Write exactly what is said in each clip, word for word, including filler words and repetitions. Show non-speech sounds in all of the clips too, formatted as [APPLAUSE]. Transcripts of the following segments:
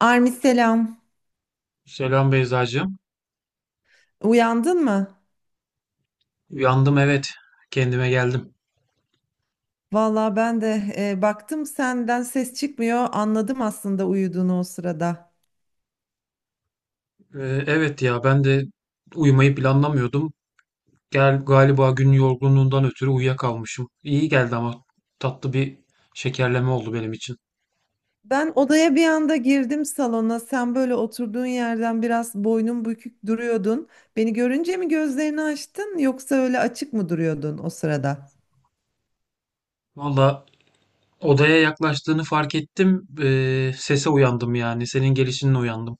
Armi selam. Selam Beyzacığım. Uyandın mı? Uyandım, evet. Kendime geldim. Vallahi ben de e, baktım senden ses çıkmıyor. Anladım aslında uyuduğunu o sırada. Ee, evet ya, ben de uyumayı planlamıyordum. Gel galiba gün yorgunluğundan ötürü uyuyakalmışım. İyi geldi ama tatlı bir şekerleme oldu benim için. Ben odaya bir anda girdim salona. Sen böyle oturduğun yerden biraz boynun bükük duruyordun. Beni görünce mi gözlerini açtın yoksa öyle açık mı duruyordun o sırada? Valla odaya yaklaştığını fark ettim. Ee, sese uyandım yani. Senin gelişinle uyandım.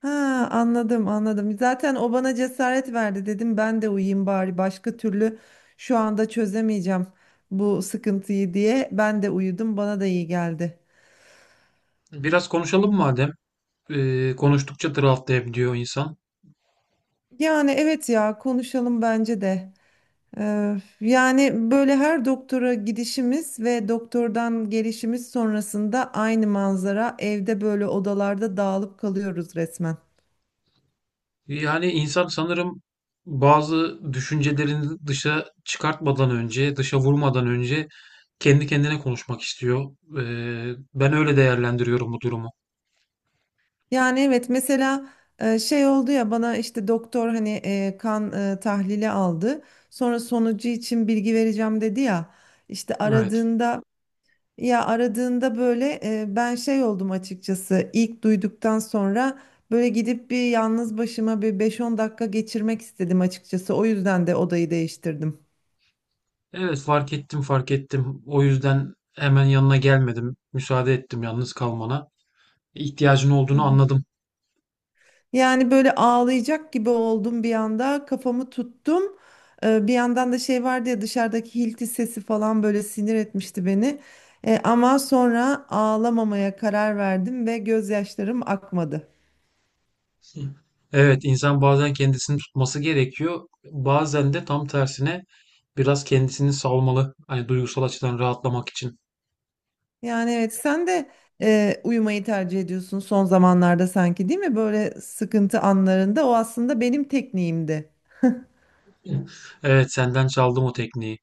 Ha, anladım anladım. Zaten o bana cesaret verdi dedim ben de uyuyayım bari başka türlü şu anda çözemeyeceğim bu sıkıntıyı diye. Ben de uyudum, bana da iyi geldi. Biraz konuşalım madem. Ee, konuştukça draftlayabiliyor insan. Yani evet ya, konuşalım bence de. Ee, yani böyle her doktora gidişimiz ve doktordan gelişimiz sonrasında aynı manzara, evde böyle odalarda dağılıp kalıyoruz resmen. Yani insan sanırım bazı düşüncelerini dışa çıkartmadan önce, dışa vurmadan önce kendi kendine konuşmak istiyor. Ee, ben öyle değerlendiriyorum bu durumu. Yani evet, mesela e, şey oldu ya, bana işte doktor hani e, kan e, tahlili aldı. Sonra sonucu için bilgi vereceğim dedi ya. İşte Evet. aradığında, ya aradığında böyle e, ben şey oldum açıkçası. İlk duyduktan sonra böyle gidip bir yalnız başıma bir beş on dakika geçirmek istedim açıkçası. O yüzden de odayı değiştirdim. Evet, fark ettim, fark ettim. O yüzden hemen yanına gelmedim. Müsaade ettim yalnız kalmana. İhtiyacın olduğunu Aha. anladım. Yani böyle ağlayacak gibi oldum, bir anda kafamı tuttum. Ee, bir yandan da şey vardı ya, dışarıdaki hilti sesi falan böyle sinir etmişti beni. Ee, ama sonra ağlamamaya karar verdim ve gözyaşlarım akmadı. [LAUGHS] Evet, insan bazen kendisini tutması gerekiyor. Bazen de tam tersine biraz kendisini salmalı. Hani duygusal açıdan rahatlamak için. Yani evet, sen de e, uyumayı tercih ediyorsun son zamanlarda sanki, değil mi? Böyle sıkıntı anlarında, o aslında benim tekniğimdi. [LAUGHS] Evet, senden çaldım o tekniği.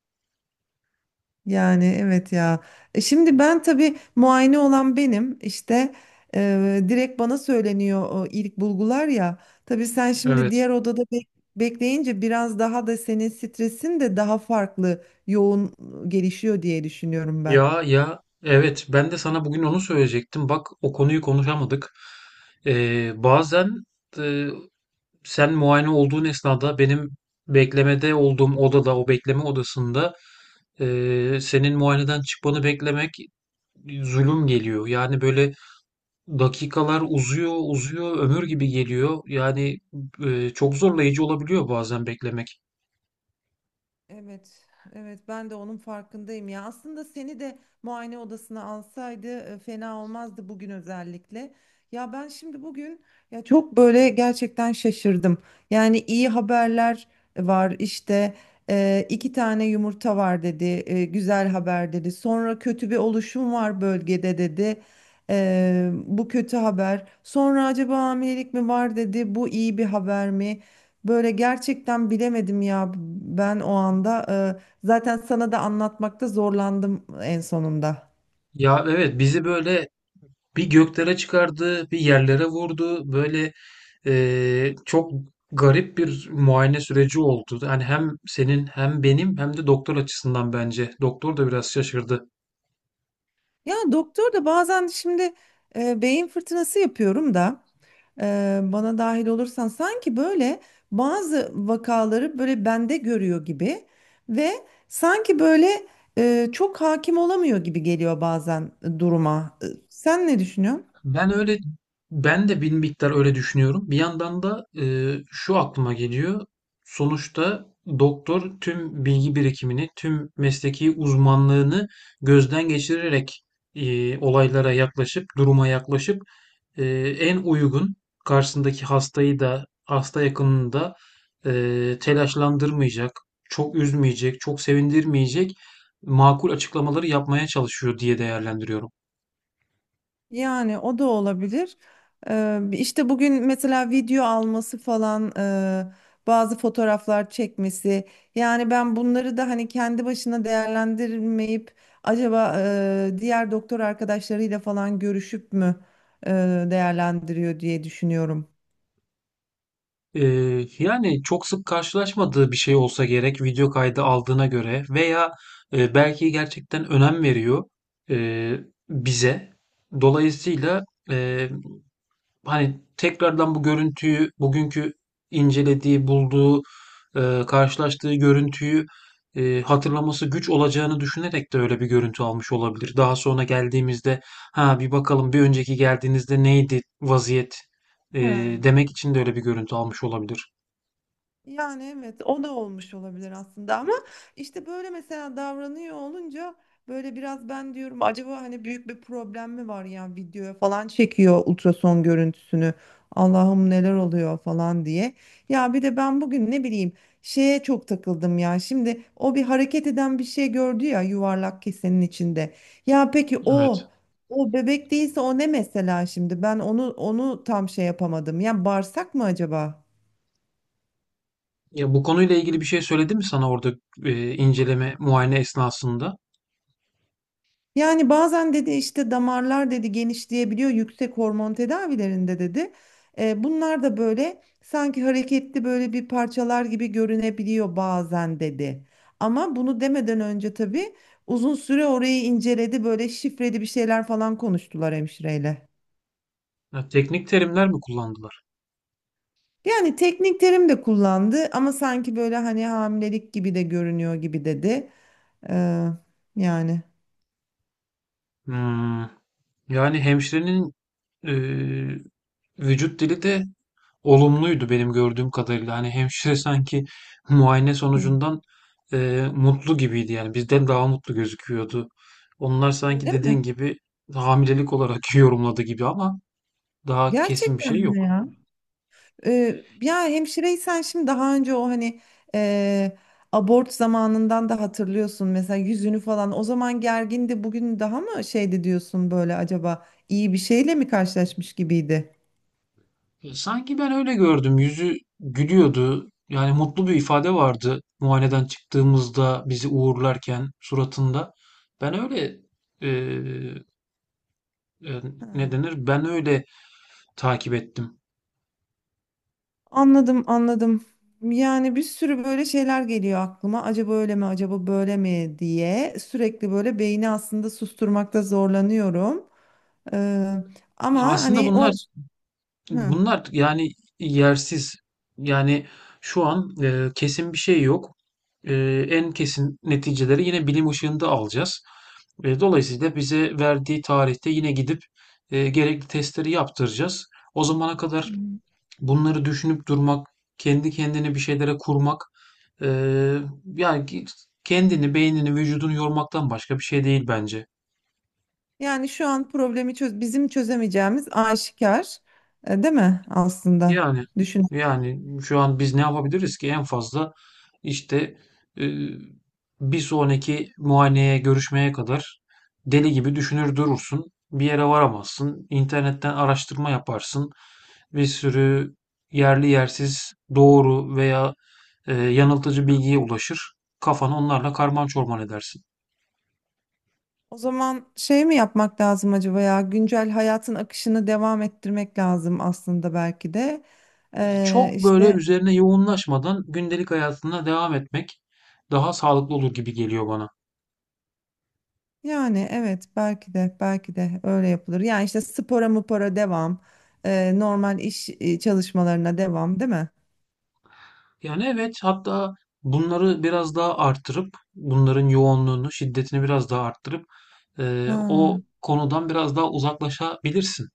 Yani evet ya. E şimdi ben tabii muayene olan benim, işte e, direkt bana söyleniyor o ilk bulgular ya. Tabii sen şimdi Evet. diğer odada bek- bekleyince biraz daha da senin stresin de daha farklı yoğun gelişiyor diye düşünüyorum ben. Ya ya evet, ben de sana bugün onu söyleyecektim. Bak, o konuyu konuşamadık. Ee, bazen e, Sen muayene olduğun esnada benim beklemede olduğum odada, o bekleme odasında, eee, senin muayeneden çıkmanı beklemek zulüm geliyor. Yani böyle dakikalar uzuyor, uzuyor, ömür gibi geliyor. Yani eee, çok zorlayıcı olabiliyor bazen beklemek. Evet, evet ben de onun farkındayım ya. Aslında seni de muayene odasına alsaydı e, fena olmazdı bugün özellikle. Ya ben şimdi bugün ya çok böyle gerçekten şaşırdım. Yani iyi haberler var, işte e, iki tane yumurta var dedi, e, güzel haber dedi. Sonra kötü bir oluşum var bölgede dedi. E, bu kötü haber. Sonra acaba hamilelik mi var dedi. Bu iyi bir haber mi? Böyle gerçekten bilemedim ya ben o anda. Ee, zaten sana da anlatmakta zorlandım en sonunda. Ya evet, bizi böyle bir göklere çıkardı, bir yerlere vurdu. Böyle eee, Çok garip bir muayene süreci oldu. Yani hem senin hem benim hem de doktor açısından bence. Doktor da biraz şaşırdı. Ya doktor da bazen şimdi, e, beyin fırtınası yapıyorum da, e, bana dahil olursan sanki böyle bazı vakaları böyle bende görüyor gibi, ve sanki böyle e, çok hakim olamıyor gibi geliyor bazen e, duruma. E, sen ne düşünüyorsun? Ben öyle, ben de bir miktar öyle düşünüyorum. Bir yandan da e, şu aklıma geliyor. Sonuçta doktor tüm bilgi birikimini, tüm mesleki uzmanlığını gözden geçirerek e, olaylara yaklaşıp, duruma yaklaşıp, e, en uygun, karşısındaki hastayı da hasta yakınını da e, telaşlandırmayacak, çok üzmeyecek, çok sevindirmeyecek makul açıklamaları yapmaya çalışıyor diye değerlendiriyorum. Yani o da olabilir. Ee, işte bugün mesela video alması falan, e, bazı fotoğraflar çekmesi. Yani ben bunları da hani kendi başına değerlendirmeyip acaba e, diğer doktor arkadaşlarıyla falan görüşüp mü e, değerlendiriyor diye düşünüyorum. Ee, yani çok sık karşılaşmadığı bir şey olsa gerek video kaydı aldığına göre veya e, belki gerçekten önem veriyor e, bize. Dolayısıyla e, hani tekrardan bu görüntüyü, bugünkü incelediği, bulduğu, e, karşılaştığı görüntüyü e, hatırlaması güç olacağını düşünerek de öyle bir görüntü almış olabilir. Daha sonra geldiğimizde, ha bir bakalım bir önceki geldiğinizde neydi vaziyet, e, Ha. demek için de öyle bir görüntü almış olabilir. Yani evet, o da olmuş olabilir aslında, ama işte böyle mesela davranıyor olunca böyle biraz ben diyorum acaba hani büyük bir problem mi var, ya videoya falan çekiyor ultrason görüntüsünü, Allah'ım neler oluyor falan diye. Ya bir de ben bugün ne bileyim, şeye çok takıldım ya. Şimdi o bir hareket eden bir şey gördü ya yuvarlak kesenin içinde. Ya peki Evet. o, o bebek değilse o ne mesela? Şimdi ben onu onu tam şey yapamadım ya, bağırsak mı acaba? Ya, bu konuyla ilgili bir şey söyledi mi sana orada, e, inceleme, muayene esnasında? Yani bazen dedi, işte damarlar dedi genişleyebiliyor yüksek hormon tedavilerinde dedi. E, bunlar da böyle sanki hareketli böyle bir parçalar gibi görünebiliyor bazen dedi. Ama bunu demeden önce tabii uzun süre orayı inceledi, böyle şifreli bir şeyler falan konuştular hemşireyle. Ya, teknik terimler mi kullandılar? Yani teknik terim de kullandı, ama sanki böyle hani hamilelik gibi de görünüyor gibi dedi. Ee, yani Hmm. Yani hemşirenin e, vücut dili de olumluydu benim gördüğüm kadarıyla. Hani hemşire sanki muayene hı, sonucundan e, mutlu gibiydi yani. Bizden daha mutlu gözüküyordu. Onlar sanki öyle mi? dediğin gibi hamilelik olarak [LAUGHS] yorumladı gibi, ama daha kesin bir Gerçekten şey mi yok. ya? Ee, ya hemşireysen şimdi, daha önce o hani e, abort zamanından da hatırlıyorsun mesela yüzünü falan, o zaman gergindi, bugün daha mı şeydi diyorsun böyle, acaba iyi bir şeyle mi karşılaşmış gibiydi? E, Sanki ben öyle gördüm. Yüzü gülüyordu. Yani mutlu bir ifade vardı muayeneden çıktığımızda bizi uğurlarken suratında. Ben öyle e, e, Ha, Ne denir? Ben öyle takip ettim. anladım anladım. Yani bir sürü böyle şeyler geliyor aklıma. Acaba öyle mi, acaba böyle mi diye sürekli böyle beyni aslında susturmakta zorlanıyorum. Ee, Ama Ya aslında hani o bunlar hı. bunlar yani yersiz. Yani şu an e, kesin bir şey yok. E, En kesin neticeleri yine bilim ışığında alacağız. E, dolayısıyla bize verdiği tarihte yine gidip e, gerekli testleri yaptıracağız. O zamana kadar bunları düşünüp durmak, kendi kendine bir şeylere kurmak, e, yani ki- kendini, beynini, vücudunu yormaktan başka bir şey değil bence. Yani şu an problemi, çöz bizim çözemeyeceğimiz aşikar, e, değil mi aslında? Yani Düşün. yani şu an biz ne yapabiliriz ki? En fazla işte e, bir sonraki muayeneye, görüşmeye kadar deli gibi düşünür durursun. Bir yere varamazsın. İnternetten araştırma yaparsın. Bir sürü yerli yersiz doğru veya e, yanıltıcı bilgiye ulaşır. Kafanı onlarla karman çorman edersin. O zaman şey mi yapmak lazım acaba ya? Güncel hayatın akışını devam ettirmek lazım aslında belki de. Yani Ee, çok böyle işte üzerine yoğunlaşmadan gündelik hayatına devam etmek daha sağlıklı olur gibi geliyor bana. yani evet, belki de, belki de öyle yapılır. Yani işte spora mupora devam, e, normal iş e, çalışmalarına devam, değil mi? Yani evet, hatta bunları biraz daha arttırıp, bunların yoğunluğunu, şiddetini biraz daha arttırıp eee, o Ha. konudan biraz daha uzaklaşabilirsin.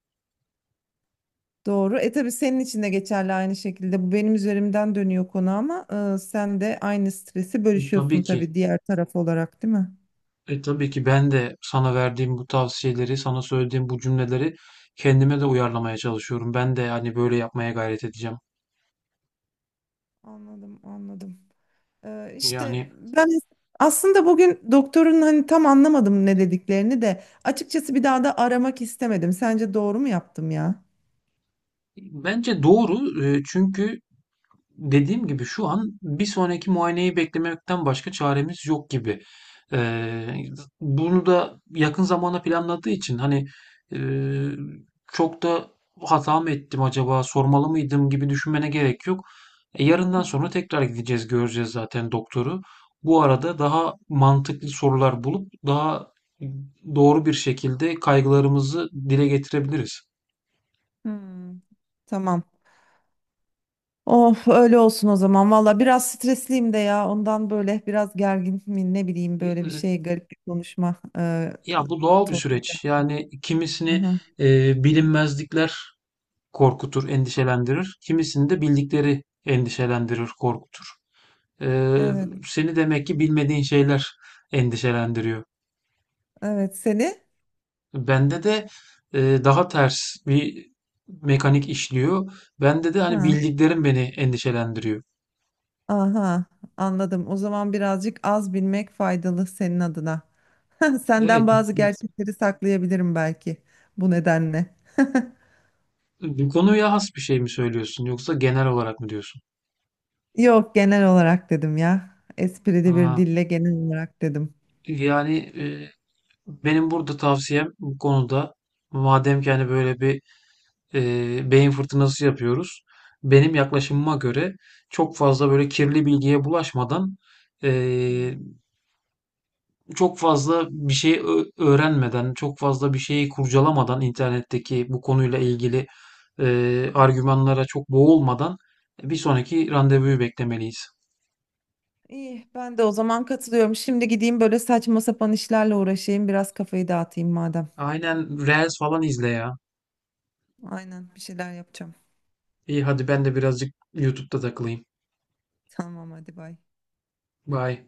Doğru. E tabii senin için de geçerli aynı şekilde. Bu benim üzerimden dönüyor konu, ama e, sen de aynı stresi E, tabii bölüşüyorsun ki, tabii diğer taraf olarak, değil mi? e, tabii ki ben de sana verdiğim bu tavsiyeleri, sana söylediğim bu cümleleri kendime de uyarlamaya çalışıyorum. Ben de hani böyle yapmaya gayret edeceğim. Anladım, anladım. Ee, işte Yani ben aslında bugün doktorun hani tam anlamadım ne dediklerini de açıkçası, bir daha da aramak istemedim. Sence doğru mu yaptım ya? bence doğru, e, çünkü dediğim gibi şu an bir sonraki muayeneyi beklemekten başka çaremiz yok gibi. Eee, Bunu da yakın zamana planladığı için hani eee, çok da hata mı ettim acaba, sormalı mıydım gibi düşünmene gerek yok. E, Hı Yarından hı. sonra tekrar gideceğiz, göreceğiz zaten doktoru. Bu arada daha mantıklı sorular bulup daha doğru bir şekilde kaygılarımızı dile getirebiliriz. Hmm. Tamam. Of, öyle olsun o zaman. Valla biraz stresliyim de ya. Ondan böyle biraz gergin mi ne bileyim, böyle bir şey, garip bir konuşma e, Ya bu doğal bir tonu. süreç. Yani kimisini Aha, e, bilinmezlikler korkutur, endişelendirir. Kimisini de bildikleri endişelendirir, korkutur. E, evet. Seni demek ki bilmediğin şeyler endişelendiriyor. Evet, seni. Bende de e, daha ters bir mekanik işliyor. Bende de hani Ha, bildiklerim beni endişelendiriyor. aha, anladım. O zaman birazcık az bilmek faydalı senin adına. [LAUGHS] Senden Evet, bazı gerçekleri saklayabilirim belki bu nedenle. [LAUGHS] bu konuya has bir şey mi söylüyorsun yoksa genel olarak mı diyorsun? Yok, genel olarak dedim ya. Esprili bir Aa, dille genel olarak dedim. yani benim burada tavsiyem bu konuda, madem ki hani böyle bir e, beyin fırtınası yapıyoruz. Benim yaklaşımıma göre çok fazla böyle kirli bilgiye bulaşmadan, Hmm. e, çok fazla bir şey ö- öğrenmeden, çok fazla bir şeyi kurcalamadan internetteki bu konuyla ilgili Hı e, hı. argümanlara çok boğulmadan bir sonraki randevuyu beklemeliyiz. İyi, ben de o zaman katılıyorum. Şimdi gideyim böyle saçma sapan işlerle uğraşayım. Biraz kafayı dağıtayım madem. Aynen, Reels falan izle ya. Aynen, bir şeyler yapacağım. İyi, hadi ben de birazcık YouTube'da takılayım. [LAUGHS] Tamam, hadi bay. Bye.